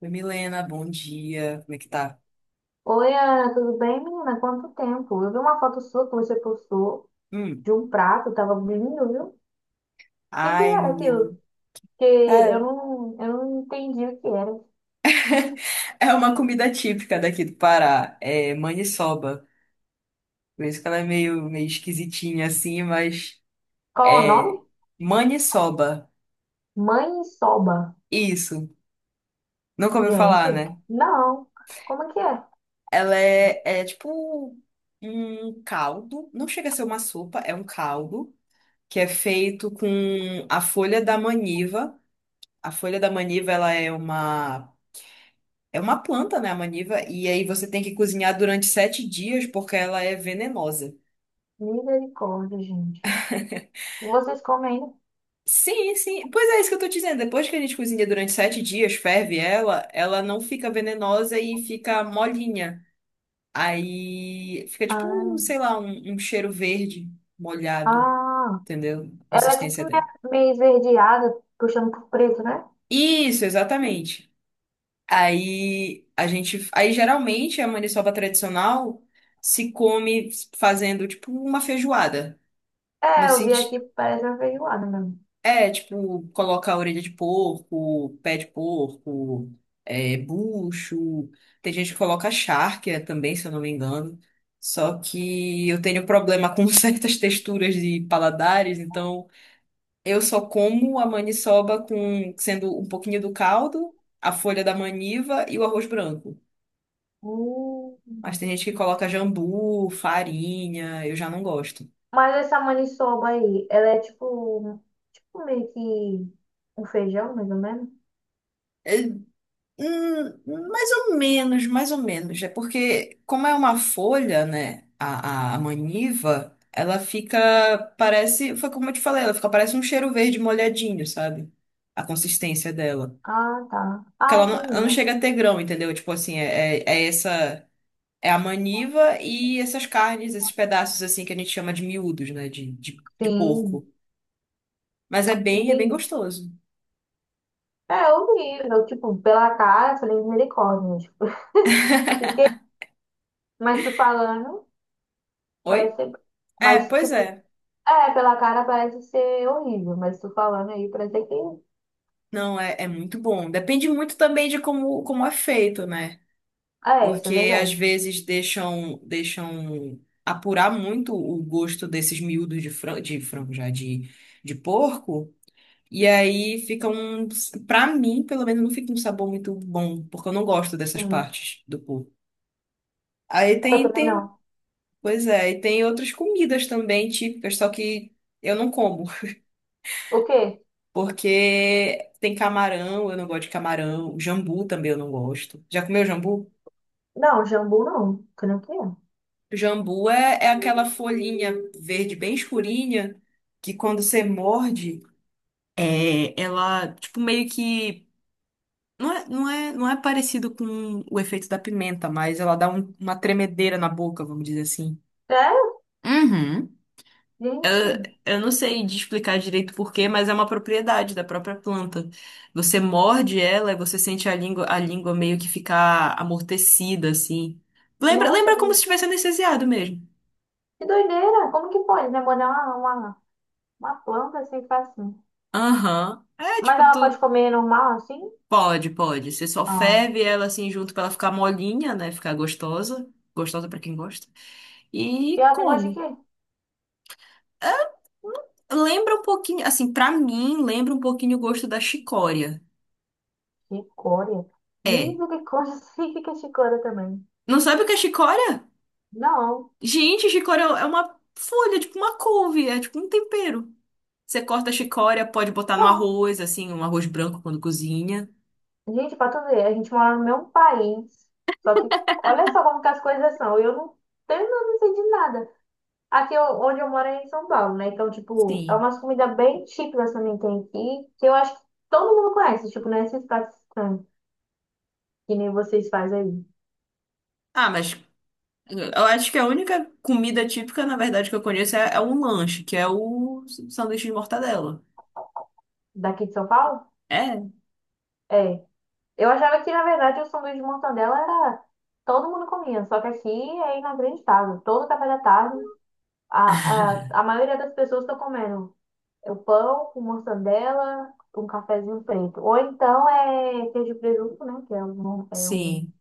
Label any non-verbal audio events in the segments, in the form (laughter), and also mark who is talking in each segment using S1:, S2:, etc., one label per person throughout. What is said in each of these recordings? S1: Oi, Milena, bom dia. Como é que tá?
S2: Oi, Ana, tudo bem, menina? Quanto tempo? Eu vi uma foto sua que você postou
S1: Hum.
S2: de um prato, tava lindo, viu? O que que
S1: Ai,
S2: era aquilo?
S1: menina.
S2: Porque eu
S1: Cara,
S2: não, eu não entendi o que era.
S1: (laughs) é uma comida típica daqui do Pará. É maniçoba. Por isso que ela é meio esquisitinha assim, mas
S2: Qual é o nome?
S1: é maniçoba.
S2: Mãe soba.
S1: Isso. Nunca ouviu
S2: Gente,
S1: falar, né?
S2: não. Como é que é?
S1: Ela é tipo um caldo. Não chega a ser uma sopa, é um caldo que é feito com a folha da maniva. A folha da maniva, ela é uma é uma planta, né, a maniva? E aí você tem que cozinhar durante 7 dias porque ela é venenosa.
S2: Misericórdia, gente. E vocês comem ainda?
S1: Sim, sim. Pois é, isso que eu tô dizendo. Depois que a gente cozinha durante 7 dias, ferve ela não fica venenosa e fica molinha. Aí fica tipo,
S2: Ah,
S1: um, sei lá, um cheiro verde molhado,
S2: ah.
S1: entendeu? A
S2: Ela é tipo
S1: consistência dela.
S2: meio esverdeada, puxando pro preto, né?
S1: Isso, exatamente. Aí a gente. Aí geralmente a maniçoba tradicional se come fazendo tipo uma feijoada. No
S2: É, eu vi
S1: sentido.
S2: aqui, parece uma feijoada mesmo.
S1: É, tipo, coloca a orelha de porco, pé de porco, é, bucho. Tem gente que coloca charque também, se eu não me engano. Só que eu tenho problema com (laughs) certas texturas de paladares, então eu só como a maniçoba com sendo um pouquinho do caldo, a folha da maniva e o arroz branco.
S2: Hum.
S1: Mas tem gente que coloca jambu, farinha, eu já não gosto.
S2: Mas essa maniçoba aí, ela é tipo, tipo meio que um feijão, mais ou menos?
S1: Hum, mais ou menos, mais ou menos. É porque, como é uma folha, né? A maniva, ela fica, parece, foi como eu te falei, ela fica, parece um cheiro verde molhadinho, sabe? A consistência dela.
S2: Ah, tá.
S1: Porque
S2: Ah, entendi.
S1: ela não chega a ter grão, entendeu? Tipo assim, é essa, é a maniva e essas carnes, esses pedaços assim que a gente chama de miúdos, né? De
S2: Sim,
S1: porco. Mas é bem
S2: entendi.
S1: gostoso.
S2: É horrível, tipo, pela cara, eu falei misericórdia, né, tipo. (laughs) E mas tu falando,
S1: Oi?
S2: parece ser...
S1: É,
S2: Mas,
S1: pois
S2: tipo,
S1: é.
S2: é, pela cara parece ser horrível, mas tu falando aí parece que...
S1: Não, é muito bom. Depende muito também de como é feito, né?
S2: Ah, é, isso é
S1: Porque às
S2: verdade.
S1: vezes deixam apurar muito o gosto desses miúdos de frango já, de porco. E aí fica um. Pra mim, pelo menos, não fica um sabor muito bom, porque eu não gosto dessas
S2: Sim.
S1: partes do porco. Aí
S2: Eu
S1: tem,
S2: também
S1: tem.
S2: não.
S1: Pois é, e tem outras comidas também típicas, só que eu não como.
S2: O quê?
S1: Porque tem camarão, eu não gosto de camarão. Jambu também eu não gosto. Já comeu jambu?
S2: Não, jambu não. Que não que é.
S1: Jambu é aquela folhinha verde bem escurinha que quando você morde, é, ela, tipo, meio que. Não é parecido com o efeito da pimenta, mas ela dá uma tremedeira na boca, vamos dizer assim.
S2: É?
S1: Uhum. Eu,
S2: Gente,
S1: eu não sei de explicar direito por quê, mas é uma propriedade da própria planta. Você morde ela e você sente a língua meio que ficar amortecida, assim. Lembra,
S2: nossa,
S1: lembra como se
S2: que
S1: estivesse anestesiado mesmo.
S2: Que doideira! Como que pode, né? Molhar uma planta assim, ficar assim.
S1: Aham. É,
S2: Mas
S1: tipo,
S2: ela pode
S1: tu.
S2: comer normal, assim?
S1: Pode, pode. Você só
S2: Ah.
S1: ferve ela, assim, junto pra ela ficar molinha, né? Ficar gostosa. Gostosa pra quem gosta.
S2: E
S1: E
S2: ela tem gosto de
S1: come.
S2: quê?
S1: É, lembra um pouquinho, assim, pra mim, lembra um pouquinho o gosto da chicória.
S2: Chicória.
S1: É.
S2: Misericórdia, (laughs) significa chicória também.
S1: Não sabe o que é chicória?
S2: Não,
S1: Gente, chicória é uma folha, é tipo uma couve, é tipo um tempero. Você corta a chicória, pode botar no
S2: não.
S1: arroz, assim, um arroz branco quando cozinha.
S2: Gente, pra tu ver, a gente mora no mesmo país. Só que, olha só como que as coisas são. Eu não tenho, eu não sei de nada. Aqui eu- onde eu moro é em São Paulo, né? Então, tipo, é
S1: Sim.
S2: umas comidas bem típicas também que tem aqui, que eu acho que todo mundo conhece. Tipo, não é esses pratos estranhos, que nem vocês fazem aí.
S1: Ah, mas eu acho que a única comida típica, na verdade, que eu conheço é um lanche, que é o sanduíche de mortadela.
S2: Daqui de São Paulo?
S1: É?
S2: É. Eu achava que, na verdade, o sanduíche de mortadela era. Todo mundo comia, só que aqui é inacreditável. Todo café da tarde, a, a maioria das pessoas estão comendo o pão com mortadela, com um cafezinho preto. Ou então é queijo e presunto, né? Que
S1: Sim,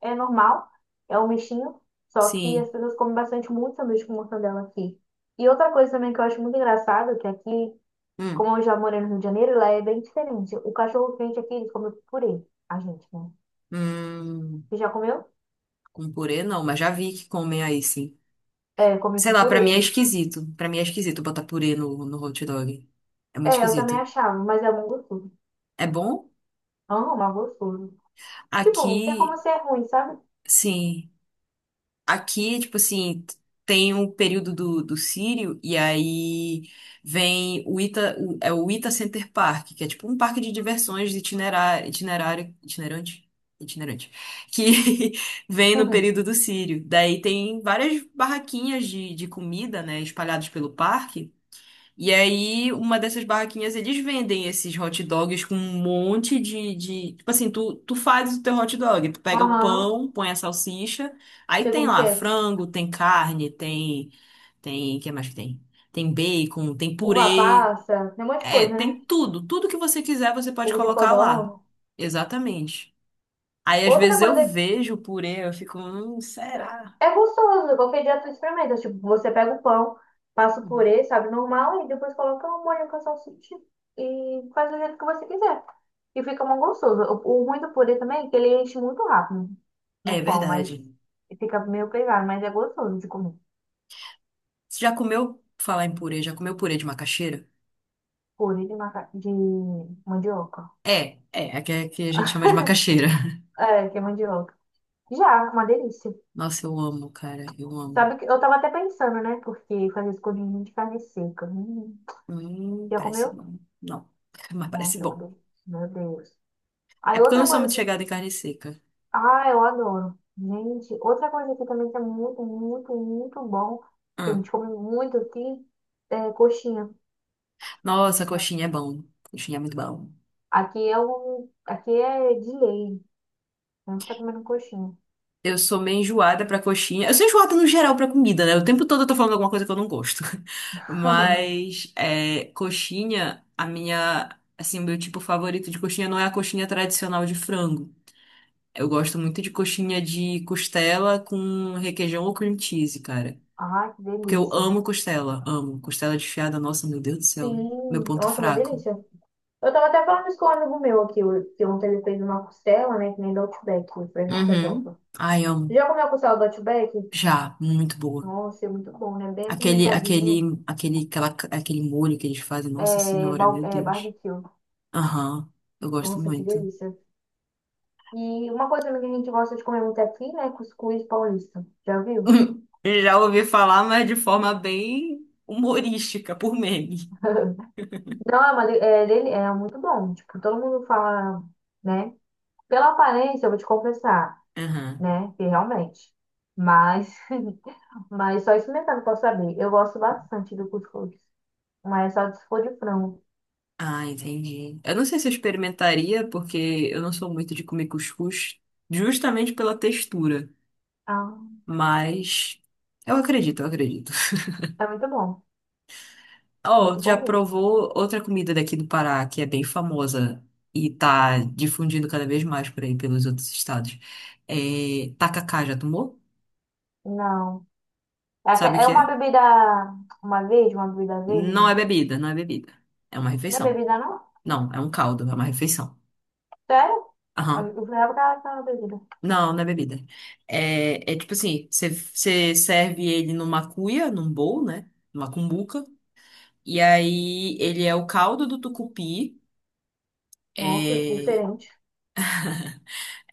S2: é normal, é um mexinho. Só que
S1: sim.
S2: as pessoas comem bastante muito sanduíche com mortadela aqui. E outra coisa também que eu acho muito engraçado, que aqui
S1: Hum,
S2: como eu já morei no Rio de Janeiro, lá é bem diferente. O cachorro quente aqui, eles comem com purê. A gente, né?
S1: hum,
S2: Você já comeu?
S1: com purê não, mas já vi que comem aí, sim.
S2: É, comi
S1: Sei
S2: com
S1: lá, pra
S2: purê.
S1: mim é esquisito. Pra mim é esquisito botar purê no hot dog. É muito
S2: É, eu também
S1: esquisito.
S2: achava, mas é bom gostoso.
S1: É bom?
S2: Ah, mas gostoso. Tipo, não tem como
S1: Aqui.
S2: ser ruim, sabe?
S1: Sim. Aqui, tipo assim, tem o período do Círio, e aí vem é o Ita Center Park, que é tipo um parque de diversões itinerante, itinerante, que (laughs) vem no
S2: Uhum.
S1: período do Círio. Daí tem várias barraquinhas de comida, né, espalhadas pelo parque. E aí, uma dessas barraquinhas, eles vendem esses hot dogs com um monte de. Tipo assim, tu faz o teu hot dog, tu pega o
S2: Aham.
S1: pão, põe a salsicha, aí
S2: Sei
S1: tem
S2: como que
S1: lá
S2: é.
S1: frango, tem carne, tem. Tem. O que mais que tem? Tem bacon, tem
S2: Uva
S1: purê.
S2: passa, tem um monte de
S1: É,
S2: coisa, né?
S1: tem tudo. Tudo que você quiser, você pode
S2: Ovo de
S1: colocar lá.
S2: codorna.
S1: Exatamente. Aí, às
S2: Outra
S1: vezes, eu
S2: coisa
S1: vejo o purê, eu fico. Será?
S2: é gostoso, qualquer dia tu experimenta. Tipo, você pega o pão, passa o
S1: Uhum.
S2: purê, sabe, normal, e depois coloca o molho com a salsicha e faz do jeito que você quiser. E fica muito gostoso. O ruim do purê também é que ele enche muito rápido
S1: É
S2: no pão,
S1: verdade.
S2: mas fica meio pesado, mas é gostoso de comer.
S1: Você já comeu. Falar em purê, já comeu purê de macaxeira?
S2: Purê de, maca... de mandioca.
S1: É, é que a gente chama de macaxeira. (laughs)
S2: É, que é mandioca. Já, uma delícia.
S1: Nossa, eu amo, cara, eu amo.
S2: Sabe que eu tava até pensando, né? Porque fazer escondidinho de carne seca. Hum. Já
S1: Parece
S2: comeu?
S1: bom. Não, (laughs) mas parece
S2: Nossa, é uma
S1: bom.
S2: delícia. Meu Deus.
S1: É
S2: Aí
S1: porque eu não
S2: outra
S1: sou
S2: coisa
S1: muito chegada em carne seca.
S2: ah, eu adoro. Gente, outra coisa aqui também que é muito, muito, muito bom, que a
S1: Ah.
S2: gente come muito aqui, é coxinha de
S1: Nossa,
S2: frango.
S1: coxinha é bom. Coxinha é muito bom.
S2: Aqui é um, aqui é de lei. A gente tá comendo coxinha.
S1: Eu sou meio enjoada pra coxinha. Eu sou enjoada no geral pra comida, né? O tempo todo eu tô falando alguma coisa que eu não gosto. (laughs)
S2: (laughs)
S1: Mas, é, coxinha, a minha. Assim, o meu tipo favorito de coxinha não é a coxinha tradicional de frango. Eu gosto muito de coxinha de costela com requeijão ou cream cheese, cara.
S2: Ai, que
S1: Porque eu
S2: delícia.
S1: amo. Costela desfiada, nossa, meu Deus do céu. Meu
S2: Sim,
S1: ponto
S2: nossa, uma
S1: fraco.
S2: delícia. Eu tava até falando isso com um amigo meu aqui, o- que ontem ele fez uma costela, né, que nem do Outback. Eu falei, nossa, é top.
S1: Uhum. Ai, amo.
S2: Já comeu a costela do Outback?
S1: Já, muito boa.
S2: Nossa, é muito bom, né? Bem
S1: Aquele, aquele,
S2: apimentadinha.
S1: aquele, aquela, aquele molho que eles fazem, nossa
S2: É,
S1: senhora,
S2: bal-
S1: meu
S2: é
S1: Deus.
S2: barbecue.
S1: Aham, eu gosto
S2: Nossa, que
S1: muito.
S2: delícia. E uma coisa que a gente gosta de comer muito aqui, né? Cuscuz paulista. Já viu?
S1: (laughs) Já ouvi falar, mas de forma bem humorística, por meme.
S2: (laughs) Não, é, uma, de- é, dele- é muito bom. Tipo, todo mundo fala, né? Pela aparência, eu vou te confessar,
S1: Aham.
S2: né? Que realmente. Mas, (laughs) mas só experimentando posso saber. Eu gosto bastante do cuscuz. Mas só se for de frango.
S1: Ah, entendi. Eu não sei se eu experimentaria, porque eu não sou muito de comer cuscuz, justamente pela textura.
S2: Ah,
S1: Mas eu acredito, eu acredito. (laughs)
S2: é muito bom.
S1: Oh,
S2: Muito
S1: já
S2: bom mesmo.
S1: provou outra comida daqui do Pará, que é bem famosa e tá difundindo cada vez mais por aí pelos outros estados. É tacacá, já tomou?
S2: Não. É, aque-
S1: Sabe o
S2: é
S1: que
S2: uma
S1: é?
S2: bebida. Uma verde, uma bebida
S1: Não
S2: verde.
S1: é bebida, não é bebida. É uma
S2: Não é
S1: refeição.
S2: bebida, não?
S1: Não, é um caldo, é uma refeição.
S2: Sério? Eu
S1: Aham.
S2: eu jurava que era aquela bebida.
S1: Não, não é bebida. É tipo assim, você serve ele numa cuia, num bowl, né? Numa cumbuca. E aí ele é o caldo do tucupi.
S2: Nossa, que
S1: É,
S2: diferente.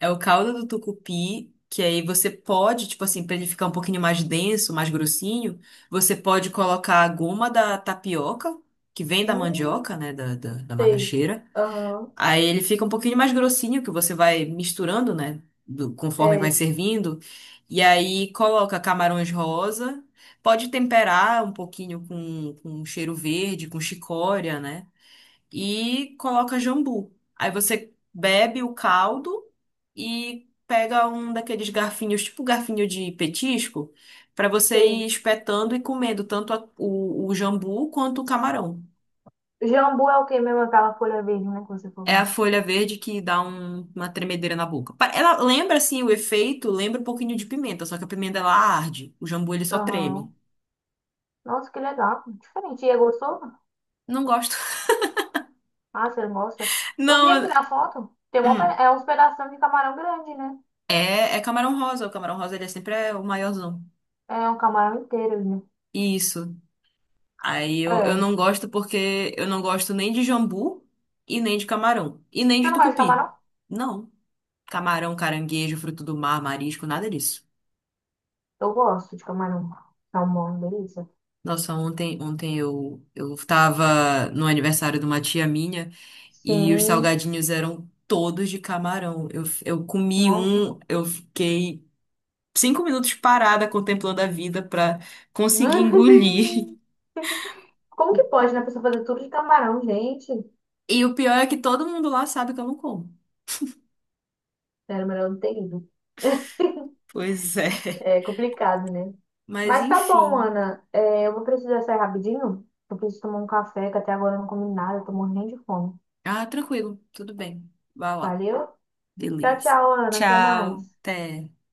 S1: é o caldo do tucupi que aí você pode, tipo assim, pra ele ficar um pouquinho mais denso, mais grossinho, você pode colocar a goma da tapioca, que vem da
S2: Hum,
S1: mandioca, né? Da
S2: sei.
S1: macaxeira.
S2: Aham.
S1: Aí ele fica um pouquinho mais grossinho, que você vai misturando, né? Conforme vai
S2: É,
S1: servindo. E aí coloca camarões rosa. Pode temperar um pouquinho com, um cheiro verde, com chicória, né? E coloca jambu. Aí você bebe o caldo e pega um daqueles garfinhos, tipo garfinho de petisco, para você ir
S2: sei.
S1: espetando e comendo tanto o jambu quanto o camarão.
S2: Jambu é o que mesmo? Aquela folha verde, né? Que você
S1: É a
S2: falou.
S1: folha verde que dá uma tremedeira na boca. Ela lembra, assim, o efeito, lembra um pouquinho de pimenta, só que a pimenta ela arde, o jambu ele só treme.
S2: Aham. Nossa, que legal. Diferente. E é gostoso?
S1: Não gosto.
S2: Ah, você gosta?
S1: (laughs)
S2: Eu vi aqui
S1: Não,
S2: na foto. Tem uma,
S1: hum,
S2: pe- é uns pedaços de camarão grande, né?
S1: é camarão rosa, o camarão rosa ele é sempre é o maiorzão.
S2: É um camarão inteiro, ali, né?
S1: Isso. Aí eu
S2: É.
S1: não gosto porque eu não gosto nem de jambu e nem de camarão. E nem
S2: Você
S1: de
S2: não gosta de
S1: tucupi.
S2: camarão?
S1: Não. Camarão, caranguejo, fruto do mar, marisco, nada disso.
S2: Eu gosto de camarão. Salmão, delícia.
S1: Nossa, ontem, ontem eu tava no aniversário de uma tia minha. E os
S2: Sim.
S1: salgadinhos eram todos de camarão. Eu comi
S2: Nossa.
S1: um, eu fiquei 5 minutos parada contemplando a vida pra conseguir engolir. (laughs)
S2: (laughs) Como
S1: O-
S2: que pode, né? A pessoa fazer tudo de camarão, gente?
S1: E o pior é que todo mundo lá sabe que eu não como.
S2: Era melhor não ter ido.
S1: Pois é.
S2: É complicado, né?
S1: Mas
S2: Mas tá bom,
S1: enfim.
S2: Ana. É, eu vou precisar sair rapidinho. Eu preciso tomar um café, que até agora eu não comi nada, eu tô morrendo de fome.
S1: Ah, tranquilo, tudo bem. Vai lá.
S2: Valeu? Tchau,
S1: Beleza.
S2: tchau, Ana. Até
S1: Tchau.
S2: mais.
S1: Até.